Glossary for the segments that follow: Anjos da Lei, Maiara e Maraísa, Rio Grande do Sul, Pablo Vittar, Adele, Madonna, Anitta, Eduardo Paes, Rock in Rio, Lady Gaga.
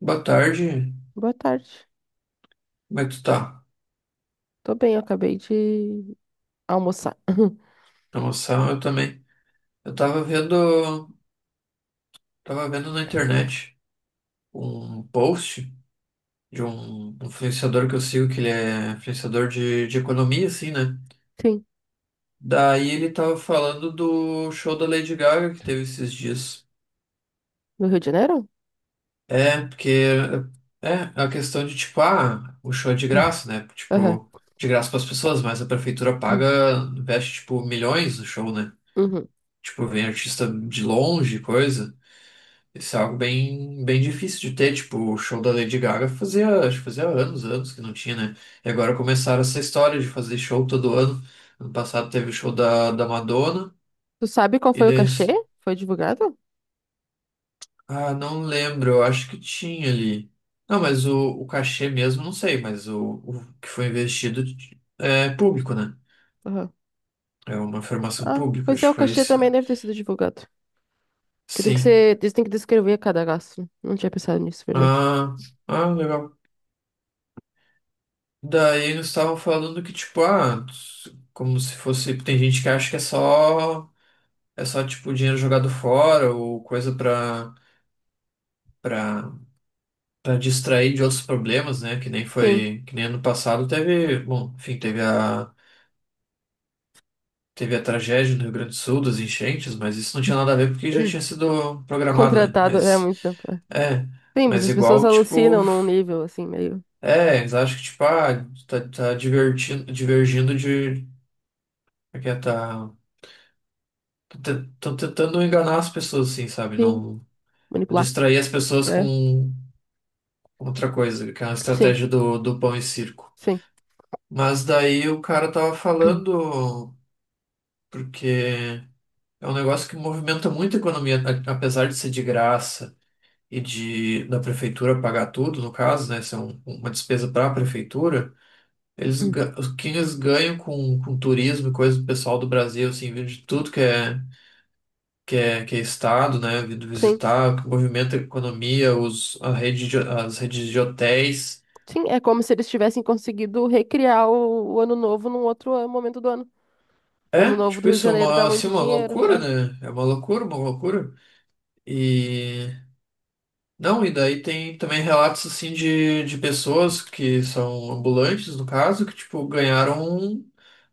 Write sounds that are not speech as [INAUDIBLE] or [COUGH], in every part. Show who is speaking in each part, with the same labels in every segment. Speaker 1: Boa tarde,
Speaker 2: Boa tarde.
Speaker 1: como é que tu tá?
Speaker 2: Tô bem, eu acabei de almoçar. [LAUGHS]
Speaker 1: Na moção, eu também. Eu tava vendo na internet um post de um influenciador que eu sigo, que ele é influenciador de economia, assim, né?
Speaker 2: Sim,
Speaker 1: Daí ele tava falando do show da Lady Gaga que teve esses dias.
Speaker 2: no Rio de Janeiro?
Speaker 1: É, porque é é a questão de, tipo, ah, o show é de
Speaker 2: [CLEARS THROAT]
Speaker 1: graça, né?
Speaker 2: Aham.
Speaker 1: Tipo, de graça para as pessoas, mas a prefeitura paga, investe, tipo, milhões no show, né?
Speaker 2: Uhum.
Speaker 1: Tipo, vem artista de longe, coisa. Isso é algo bem, bem difícil de ter, tipo, o show da Lady Gaga fazia, acho que fazia anos, anos que não tinha, né? E agora começaram essa história de fazer show todo ano. Ano passado teve o show da Madonna,
Speaker 2: Tu sabe qual
Speaker 1: e
Speaker 2: foi o cachê?
Speaker 1: deles,
Speaker 2: Foi divulgado?
Speaker 1: ah, não lembro, eu acho que tinha ali. Não, mas o cachê mesmo, não sei, mas o que foi investido é público, né?
Speaker 2: Aham.
Speaker 1: É uma formação
Speaker 2: Ah,
Speaker 1: pública,
Speaker 2: pois
Speaker 1: acho
Speaker 2: é, o
Speaker 1: que foi
Speaker 2: cachê
Speaker 1: isso.
Speaker 2: também deve ter sido divulgado. Que tem que
Speaker 1: Sim.
Speaker 2: ser, eles têm que descrever cada gasto. Não tinha pensado nisso, verdade.
Speaker 1: Ah, ah, legal. Daí eles estavam falando que, tipo, ah, como se fosse. Tem gente que acha que é só. É só, tipo, dinheiro jogado fora ou coisa pra, pra distrair de outros problemas, né? Que nem
Speaker 2: Sim,
Speaker 1: foi. Que nem ano passado teve. Bom, enfim, teve a. Teve a tragédia no Rio Grande do Sul, das enchentes, mas isso não tinha nada a ver porque já
Speaker 2: [CLEARS THROAT]
Speaker 1: tinha sido programado, né?
Speaker 2: contratado é há
Speaker 1: Mas.
Speaker 2: muito tempo. É.
Speaker 1: É.
Speaker 2: Sim, mas
Speaker 1: Mas
Speaker 2: as pessoas
Speaker 1: igual, tipo.
Speaker 2: alucinam num nível assim, meio.
Speaker 1: É, eles acham que, tipo, ah, tá divergindo de. Aqui é, tá. Estão tentando enganar as pessoas, assim, sabe?
Speaker 2: Sim,
Speaker 1: Não
Speaker 2: manipular.
Speaker 1: distrair as pessoas
Speaker 2: É.
Speaker 1: com outra coisa, que é uma
Speaker 2: Sim,
Speaker 1: estratégia do pão e circo.
Speaker 2: sim.
Speaker 1: Mas daí o cara tava falando, porque é um negócio que movimenta muito a economia, apesar de ser de graça e de da prefeitura pagar tudo, no caso, né? Isso é uma despesa para a prefeitura.
Speaker 2: [CLEARS THROAT]
Speaker 1: O que eles ganham com turismo e coisa do pessoal do Brasil, assim, de tudo que é. Que é estado, né, vindo
Speaker 2: Sim.
Speaker 1: visitar, que movimenta a economia, os, a rede de- as redes de hotéis.
Speaker 2: Sim, é como se eles tivessem conseguido recriar o Ano Novo num outro momento do ano. Porque o
Speaker 1: É,
Speaker 2: Ano Novo
Speaker 1: tipo
Speaker 2: do Rio de
Speaker 1: isso, é
Speaker 2: Janeiro dá
Speaker 1: uma, assim,
Speaker 2: muito
Speaker 1: uma
Speaker 2: dinheiro.
Speaker 1: loucura,
Speaker 2: É.
Speaker 1: né? É uma loucura, uma loucura. E... Não, e daí tem também relatos, assim, de pessoas que são ambulantes, no caso, que, tipo, ganharam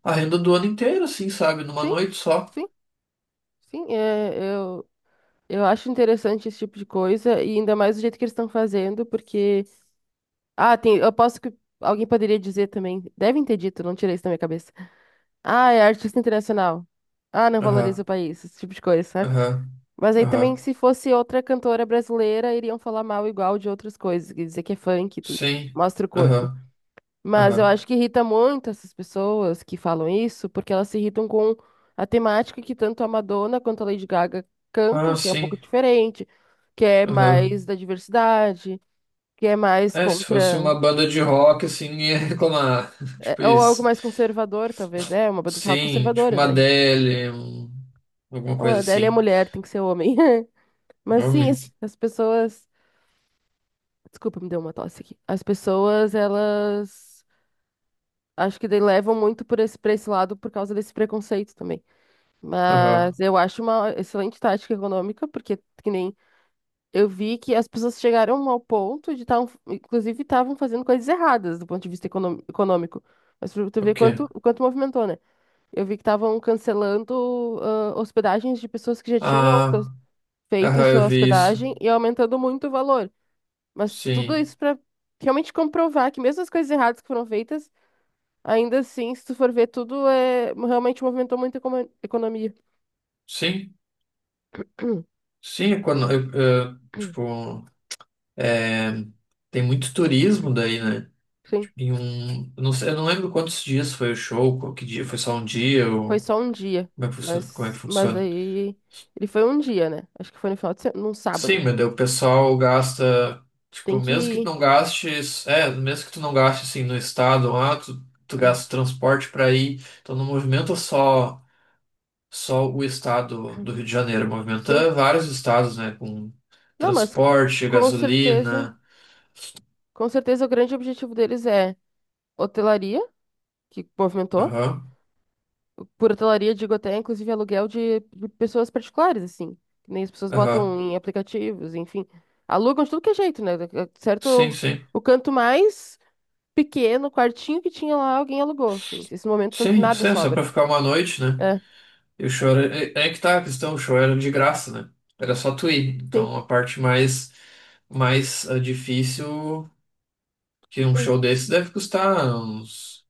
Speaker 1: a renda do ano inteiro, assim, sabe? Numa
Speaker 2: Sim,
Speaker 1: noite só.
Speaker 2: sim, sim. É, eu acho interessante esse tipo de coisa, e ainda mais do jeito que eles estão fazendo, porque. Ah, tem. Eu posso que alguém poderia dizer também. Devem ter dito, não tirei isso da minha cabeça. Ah, é artista internacional. Ah, não valoriza o
Speaker 1: Aham,
Speaker 2: país, esse tipo de coisa, sabe?
Speaker 1: aham,
Speaker 2: Mas aí também,
Speaker 1: aham.
Speaker 2: se fosse outra cantora brasileira, iriam falar mal igual de outras coisas, quer dizer que é funk,
Speaker 1: Sim,
Speaker 2: mostra o corpo.
Speaker 1: aham,
Speaker 2: Mas eu
Speaker 1: aham.
Speaker 2: acho que irrita muito essas pessoas que falam isso, porque elas se irritam com a temática que tanto a Madonna quanto a Lady Gaga
Speaker 1: Ah,
Speaker 2: cantam, que é um pouco
Speaker 1: sim,
Speaker 2: diferente, que é
Speaker 1: aham.
Speaker 2: mais da diversidade, que é mais
Speaker 1: É, se fosse
Speaker 2: contra.
Speaker 1: uma banda de rock, assim, ninguém ia reclamar. [LAUGHS]
Speaker 2: É,
Speaker 1: Tipo
Speaker 2: ou algo
Speaker 1: isso.
Speaker 2: mais conservador, talvez. É, uma banda de rock
Speaker 1: Sim, tipo
Speaker 2: conservadora
Speaker 1: uma
Speaker 2: também.
Speaker 1: Adele, alguma
Speaker 2: Não, a
Speaker 1: coisa
Speaker 2: Adele é
Speaker 1: assim.
Speaker 2: mulher, tem que ser homem. [LAUGHS] Mas sim,
Speaker 1: Nome?
Speaker 2: as pessoas. Desculpa, me deu uma tosse aqui. As pessoas, elas. Acho que daí levam muito por esse, pra esse lado por causa desse preconceito também.
Speaker 1: Aham.
Speaker 2: Mas eu acho uma excelente tática econômica, porque que nem eu vi que as pessoas chegaram ao ponto de estar, inclusive, estavam fazendo coisas erradas do ponto de vista econômico. Mas pra tu
Speaker 1: O
Speaker 2: ver
Speaker 1: quê?
Speaker 2: quanto movimentou, né? Eu vi que estavam cancelando ah, hospedagens de pessoas que já tinham fe-
Speaker 1: Ah,
Speaker 2: feito a
Speaker 1: aham, eu
Speaker 2: sua
Speaker 1: vi isso.
Speaker 2: hospedagem e aumentando muito o valor. Mas tudo
Speaker 1: Sim.
Speaker 2: isso para realmente comprovar que mesmo as coisas erradas que foram feitas, ainda assim, se tu for ver, tudo é realmente movimentou muito a economia.
Speaker 1: Sim? Sim, é quando, eu, tipo, é, tem muito turismo daí, né?
Speaker 2: [CLEARS THROAT] Sim.
Speaker 1: Tipo, em um, eu não sei, eu não lembro quantos dias foi o show, qual que dia, foi só um dia,
Speaker 2: Foi
Speaker 1: ou
Speaker 2: só um dia,
Speaker 1: como é que funciona? Como é
Speaker 2: mas,
Speaker 1: que
Speaker 2: mas
Speaker 1: funciona?
Speaker 2: aí ele foi um dia, né? Acho que foi no final de semana, num
Speaker 1: Sim,
Speaker 2: sábado.
Speaker 1: meu Deus, o pessoal gasta, tipo,
Speaker 2: Tem que ir.
Speaker 1: mesmo que tu não gaste assim no estado, ah, tu gasta transporte para ir, então não movimenta só o estado do Rio de Janeiro,
Speaker 2: [CLEARS THROAT] Sim.
Speaker 1: movimenta vários estados, né, com
Speaker 2: Não, mas
Speaker 1: transporte,
Speaker 2: com certeza,
Speaker 1: gasolina,
Speaker 2: com certeza o grande objetivo deles é hotelaria, que movimentou.
Speaker 1: aham,
Speaker 2: Por hotelaria, digo até inclusive aluguel de pessoas particulares, assim. Que nem as pessoas
Speaker 1: aham,
Speaker 2: botam em aplicativos, enfim. Alugam de tudo que é jeito, né? Certo?
Speaker 1: sim, sim,
Speaker 2: O canto mais pequeno, o quartinho que tinha lá, alguém alugou, assim. Esses momentos não tem
Speaker 1: sim,
Speaker 2: nada
Speaker 1: sim, só para
Speaker 2: sobra.
Speaker 1: ficar uma noite, né,
Speaker 2: É,
Speaker 1: e o show era, é que tá a questão, o show era de graça, né, era só tu ir,
Speaker 2: sim.
Speaker 1: então a parte mais, mais difícil. Que um
Speaker 2: Sim.
Speaker 1: show desse deve custar uns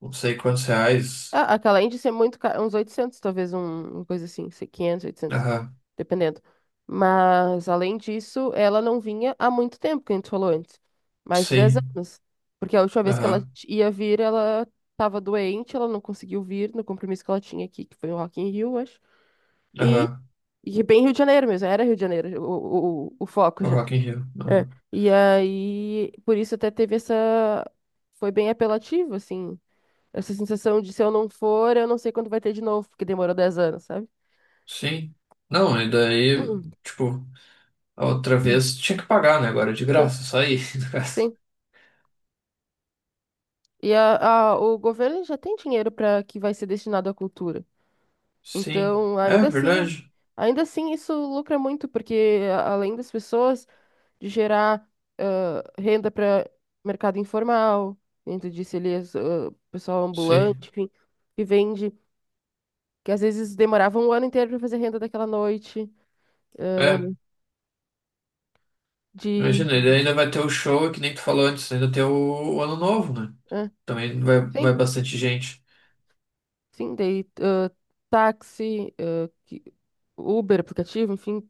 Speaker 1: não sei quantos reais.
Speaker 2: Ah, aquela além de ser muito cara, uns 800 talvez, uma coisa assim, 500 800
Speaker 1: Aham,
Speaker 2: dependendo. Mas, além disso, ela não vinha há muito tempo, que a gente falou antes, mais de 10
Speaker 1: sim.
Speaker 2: anos. Porque a última vez que ela
Speaker 1: Aham,
Speaker 2: ia vir, ela estava doente, ela não conseguiu vir no compromisso que ela tinha aqui, que foi o Rock in Rio, acho. E,
Speaker 1: aham.
Speaker 2: e bem Rio de Janeiro mesmo, era Rio de Janeiro o foco
Speaker 1: O
Speaker 2: já.
Speaker 1: Rock in Rio.
Speaker 2: É.
Speaker 1: Aham.
Speaker 2: E aí, por isso até teve essa... Foi bem apelativo, assim, essa sensação de se eu não for, eu não sei quando vai ter de novo, porque demorou 10 anos, sabe?
Speaker 1: Sim. Não, e daí,
Speaker 2: [CLEARS THROAT]
Speaker 1: tipo, a outra vez tinha que pagar, né? Agora é de
Speaker 2: Sim,
Speaker 1: graça, só aí, [LAUGHS] no caso.
Speaker 2: sim. E o governo já tem dinheiro para que vai ser destinado à cultura.
Speaker 1: Sim.
Speaker 2: Então,
Speaker 1: É verdade.
Speaker 2: ainda assim isso lucra muito, porque além das pessoas de gerar ah, renda para mercado informal, dentro disso ali, pessoal
Speaker 1: Sim.
Speaker 2: ambulante, enfim, que vende, que às vezes demorava um ano inteiro para fazer renda daquela noite,
Speaker 1: É.
Speaker 2: de,
Speaker 1: Imagina, ele ainda vai ter o show, é que nem tu falou antes, ainda tem o Ano Novo, né?
Speaker 2: ah,
Speaker 1: Também vai
Speaker 2: sim.
Speaker 1: bastante gente.
Speaker 2: Sim, daí táxi, Uber, aplicativo, enfim,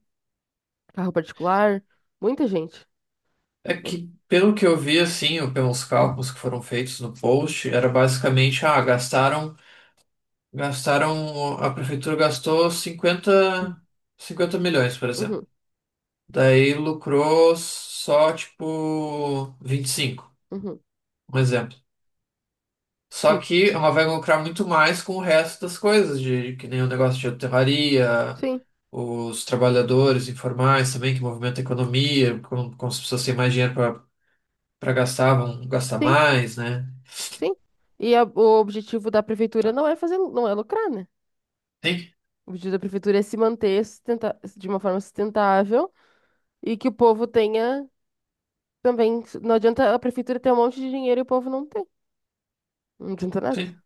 Speaker 2: carro particular, muita gente.
Speaker 1: É que, pelo que eu vi, assim, ou pelos cálculos que foram feitos no post, era basicamente, ah, gastaram. A prefeitura gastou cinquenta milhões, por exemplo.
Speaker 2: Uhum,
Speaker 1: Daí lucrou só, tipo, 25,
Speaker 2: uhum.
Speaker 1: um exemplo. Só
Speaker 2: Sim,
Speaker 1: que ela vai lucrar muito mais com o resto das coisas, de, que nem o negócio de hotelaria,
Speaker 2: sim,
Speaker 1: os trabalhadores informais também, que movimentam a economia, como as pessoas têm mais dinheiro para gastar, vão gastar
Speaker 2: sim,
Speaker 1: mais, né?
Speaker 2: sim. E o objetivo da prefeitura não é fazer, não é lucrar, né?
Speaker 1: Tem,
Speaker 2: O objetivo da prefeitura é se manter de uma forma sustentável e que o povo tenha também. Não adianta a prefeitura ter um monte de dinheiro e o povo não ter. Não adianta nada.
Speaker 1: tem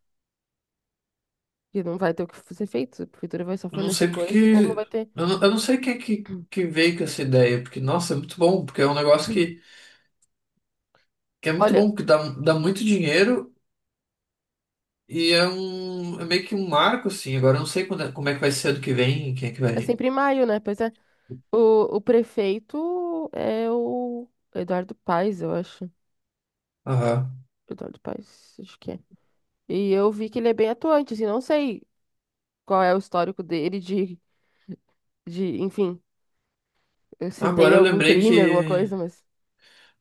Speaker 2: Porque não vai ter o que ser feito. A prefeitura vai só
Speaker 1: Eu não
Speaker 2: fornecer
Speaker 1: sei
Speaker 2: coisas e o povo não
Speaker 1: porque.
Speaker 2: vai ter.
Speaker 1: Eu não sei quem é que veio com essa ideia, porque, nossa, é muito bom, porque é um negócio que é muito
Speaker 2: Olha,
Speaker 1: bom, que dá muito dinheiro e é um. É meio que um marco, assim. Agora eu não sei como é que vai ser ano que vem, quem é que
Speaker 2: é
Speaker 1: vai.
Speaker 2: sempre em maio, né? Pois é. O prefeito é o Eduardo Paes, eu acho.
Speaker 1: Aham.
Speaker 2: Eduardo Paes, acho que é. E eu vi que ele é bem atuante, assim, não sei qual é o histórico dele de enfim, se tem
Speaker 1: Agora eu
Speaker 2: algum
Speaker 1: lembrei
Speaker 2: crime, alguma
Speaker 1: que
Speaker 2: coisa, mas.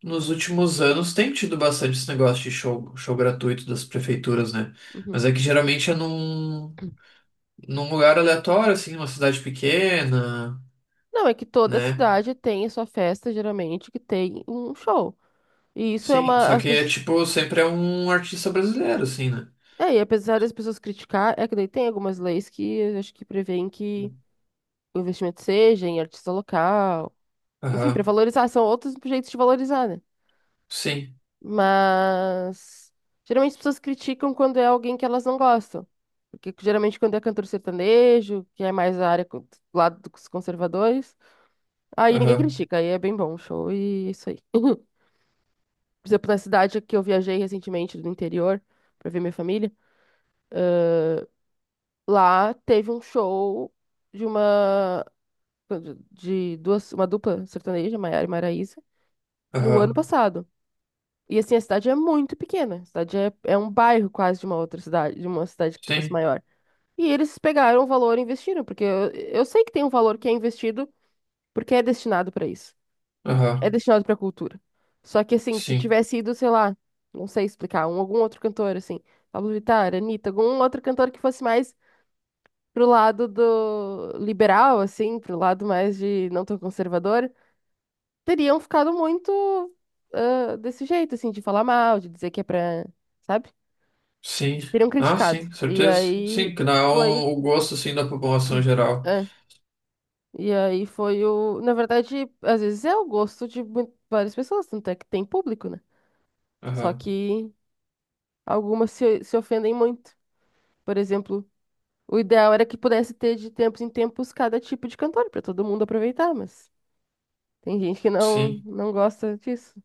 Speaker 1: nos últimos anos tem tido bastante esse negócio de show, show gratuito das prefeituras, né?
Speaker 2: Uhum.
Speaker 1: Mas é que geralmente é num lugar aleatório, assim, numa cidade pequena,
Speaker 2: Não, é que toda
Speaker 1: né?
Speaker 2: cidade tem a sua festa, geralmente, que tem um show. E isso é
Speaker 1: Sim,
Speaker 2: uma.
Speaker 1: só
Speaker 2: As
Speaker 1: que é
Speaker 2: pessoas,
Speaker 1: tipo, sempre é um artista brasileiro, assim, né?
Speaker 2: é, e apesar das pessoas criticar, é que daí tem algumas leis que eu acho que prevêem que o investimento seja em artista local. Enfim, para
Speaker 1: Aham,
Speaker 2: valorizar, são outros jeitos de valorizar, né?
Speaker 1: sim,
Speaker 2: Mas geralmente as pessoas criticam quando é alguém que elas não gostam. Porque geralmente quando é cantor sertanejo, que é mais a área do lado dos conservadores, aí ninguém
Speaker 1: aham,
Speaker 2: critica, aí é bem bom o show e é isso aí. [LAUGHS] Por exemplo, na cidade que eu viajei recentemente do interior pra ver minha família, eh, lá teve um show de uma de duas, uma dupla sertaneja, Maiara e Maraísa, no ano
Speaker 1: aham,
Speaker 2: passado. E assim, a cidade é muito pequena. A cidade é, é um bairro quase de uma outra cidade, de uma cidade que fosse
Speaker 1: sim,
Speaker 2: maior. E eles pegaram o valor e investiram, porque eu sei que tem um valor que é investido porque é destinado para isso. É
Speaker 1: aham,
Speaker 2: destinado para cultura. Só que assim, se
Speaker 1: sim,
Speaker 2: tivesse ido, sei lá, não sei explicar, algum outro cantor, assim, Pablo Vittar, Anitta, algum outro cantor que fosse mais pro lado do liberal, assim, pro lado mais de não tão conservador, teriam ficado muito ah, desse jeito, assim, de falar mal, de dizer que é pra, sabe?
Speaker 1: sim.
Speaker 2: Teriam
Speaker 1: Ah,
Speaker 2: criticado.
Speaker 1: sim,
Speaker 2: E
Speaker 1: certeza. Sim,
Speaker 2: aí
Speaker 1: que dá
Speaker 2: foi,
Speaker 1: o gosto, assim, da população geral.
Speaker 2: é. E aí foi o, na verdade, às vezes é o gosto de várias pessoas, tanto é que tem público, né? Só
Speaker 1: Aham,
Speaker 2: que algumas se ofendem muito. Por exemplo, o ideal era que pudesse ter de tempos em tempos cada tipo de cantor para todo mundo aproveitar, mas tem gente que não
Speaker 1: sim,
Speaker 2: não gosta disso.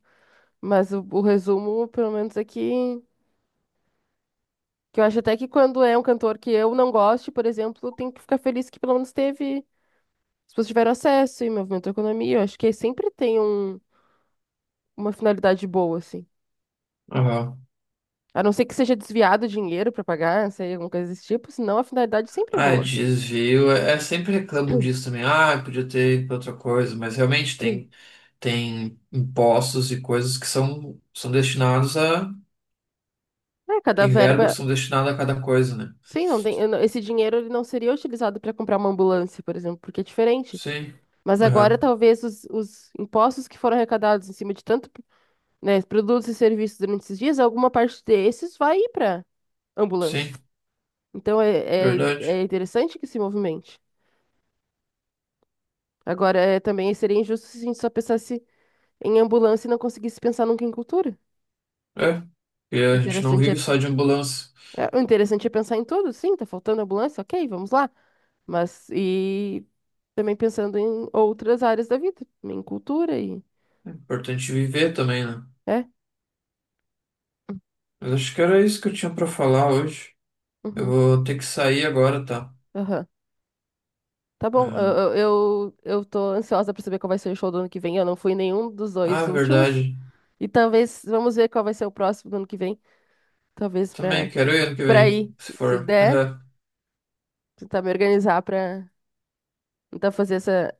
Speaker 2: Mas o resumo, pelo menos é que eu acho até que quando é um cantor que eu não goste, por exemplo, tem que ficar feliz que pelo menos teve. As pessoas tiveram acesso e movimento a economia. Eu acho que sempre tem uma finalidade boa, assim.
Speaker 1: aham.
Speaker 2: A não ser que seja desviado dinheiro para pagar, não sei, alguma coisa desse tipo, senão a finalidade sempre é
Speaker 1: Ah, é
Speaker 2: boa.
Speaker 1: desvio, é sempre reclamam disso também. Ah, podia ter ido pra outra coisa, mas realmente
Speaker 2: Hum.
Speaker 1: tem impostos e coisas que são destinados a.
Speaker 2: É, cada
Speaker 1: Tem verbas que
Speaker 2: verba.
Speaker 1: são destinadas a cada coisa, né?
Speaker 2: Sim, não tem, eu não- esse dinheiro ele não seria utilizado para comprar uma ambulância, por exemplo, porque é diferente.
Speaker 1: Sim,
Speaker 2: Mas agora
Speaker 1: aham,
Speaker 2: talvez os impostos que foram arrecadados em cima de tanto, né, produtos e serviços durante esses dias, alguma parte desses vai ir para
Speaker 1: sim,
Speaker 2: ambulância. Então
Speaker 1: verdade.
Speaker 2: é interessante que se movimente. Agora, é, também seria injusto se a gente só pensasse em ambulância e não conseguisse pensar nunca em cultura.
Speaker 1: É, e
Speaker 2: O
Speaker 1: a gente não
Speaker 2: Interessante é,
Speaker 1: vive só de ambulância.
Speaker 2: o interessante é pensar em tudo, sim, tá faltando ambulância, ok, vamos lá. Mas, e também pensando em outras áreas da vida, em cultura e...
Speaker 1: É importante viver também, né?
Speaker 2: É?
Speaker 1: Mas acho que era isso que eu tinha pra falar hoje. Eu
Speaker 2: Uhum,
Speaker 1: vou ter que sair agora, tá?
Speaker 2: aham. Tá bom,
Speaker 1: É.
Speaker 2: eu tô ansiosa pra saber qual vai ser o show do ano que vem. Eu não fui em nenhum dos
Speaker 1: Ah,
Speaker 2: dois últimos.
Speaker 1: verdade.
Speaker 2: E talvez, vamos ver qual vai ser o próximo do ano que vem. Talvez
Speaker 1: Também
Speaker 2: pra,
Speaker 1: quero ir ano que vem,
Speaker 2: pra ir,
Speaker 1: se for.
Speaker 2: se
Speaker 1: [LAUGHS]
Speaker 2: der,
Speaker 1: Aham.
Speaker 2: tentar me organizar pra tentar fazer essa.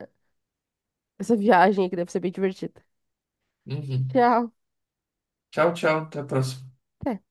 Speaker 2: essa viagem aí que deve ser bem divertida.
Speaker 1: Uhum.
Speaker 2: Tchau.
Speaker 1: Tchau, tchau. Até a próxima.
Speaker 2: Até.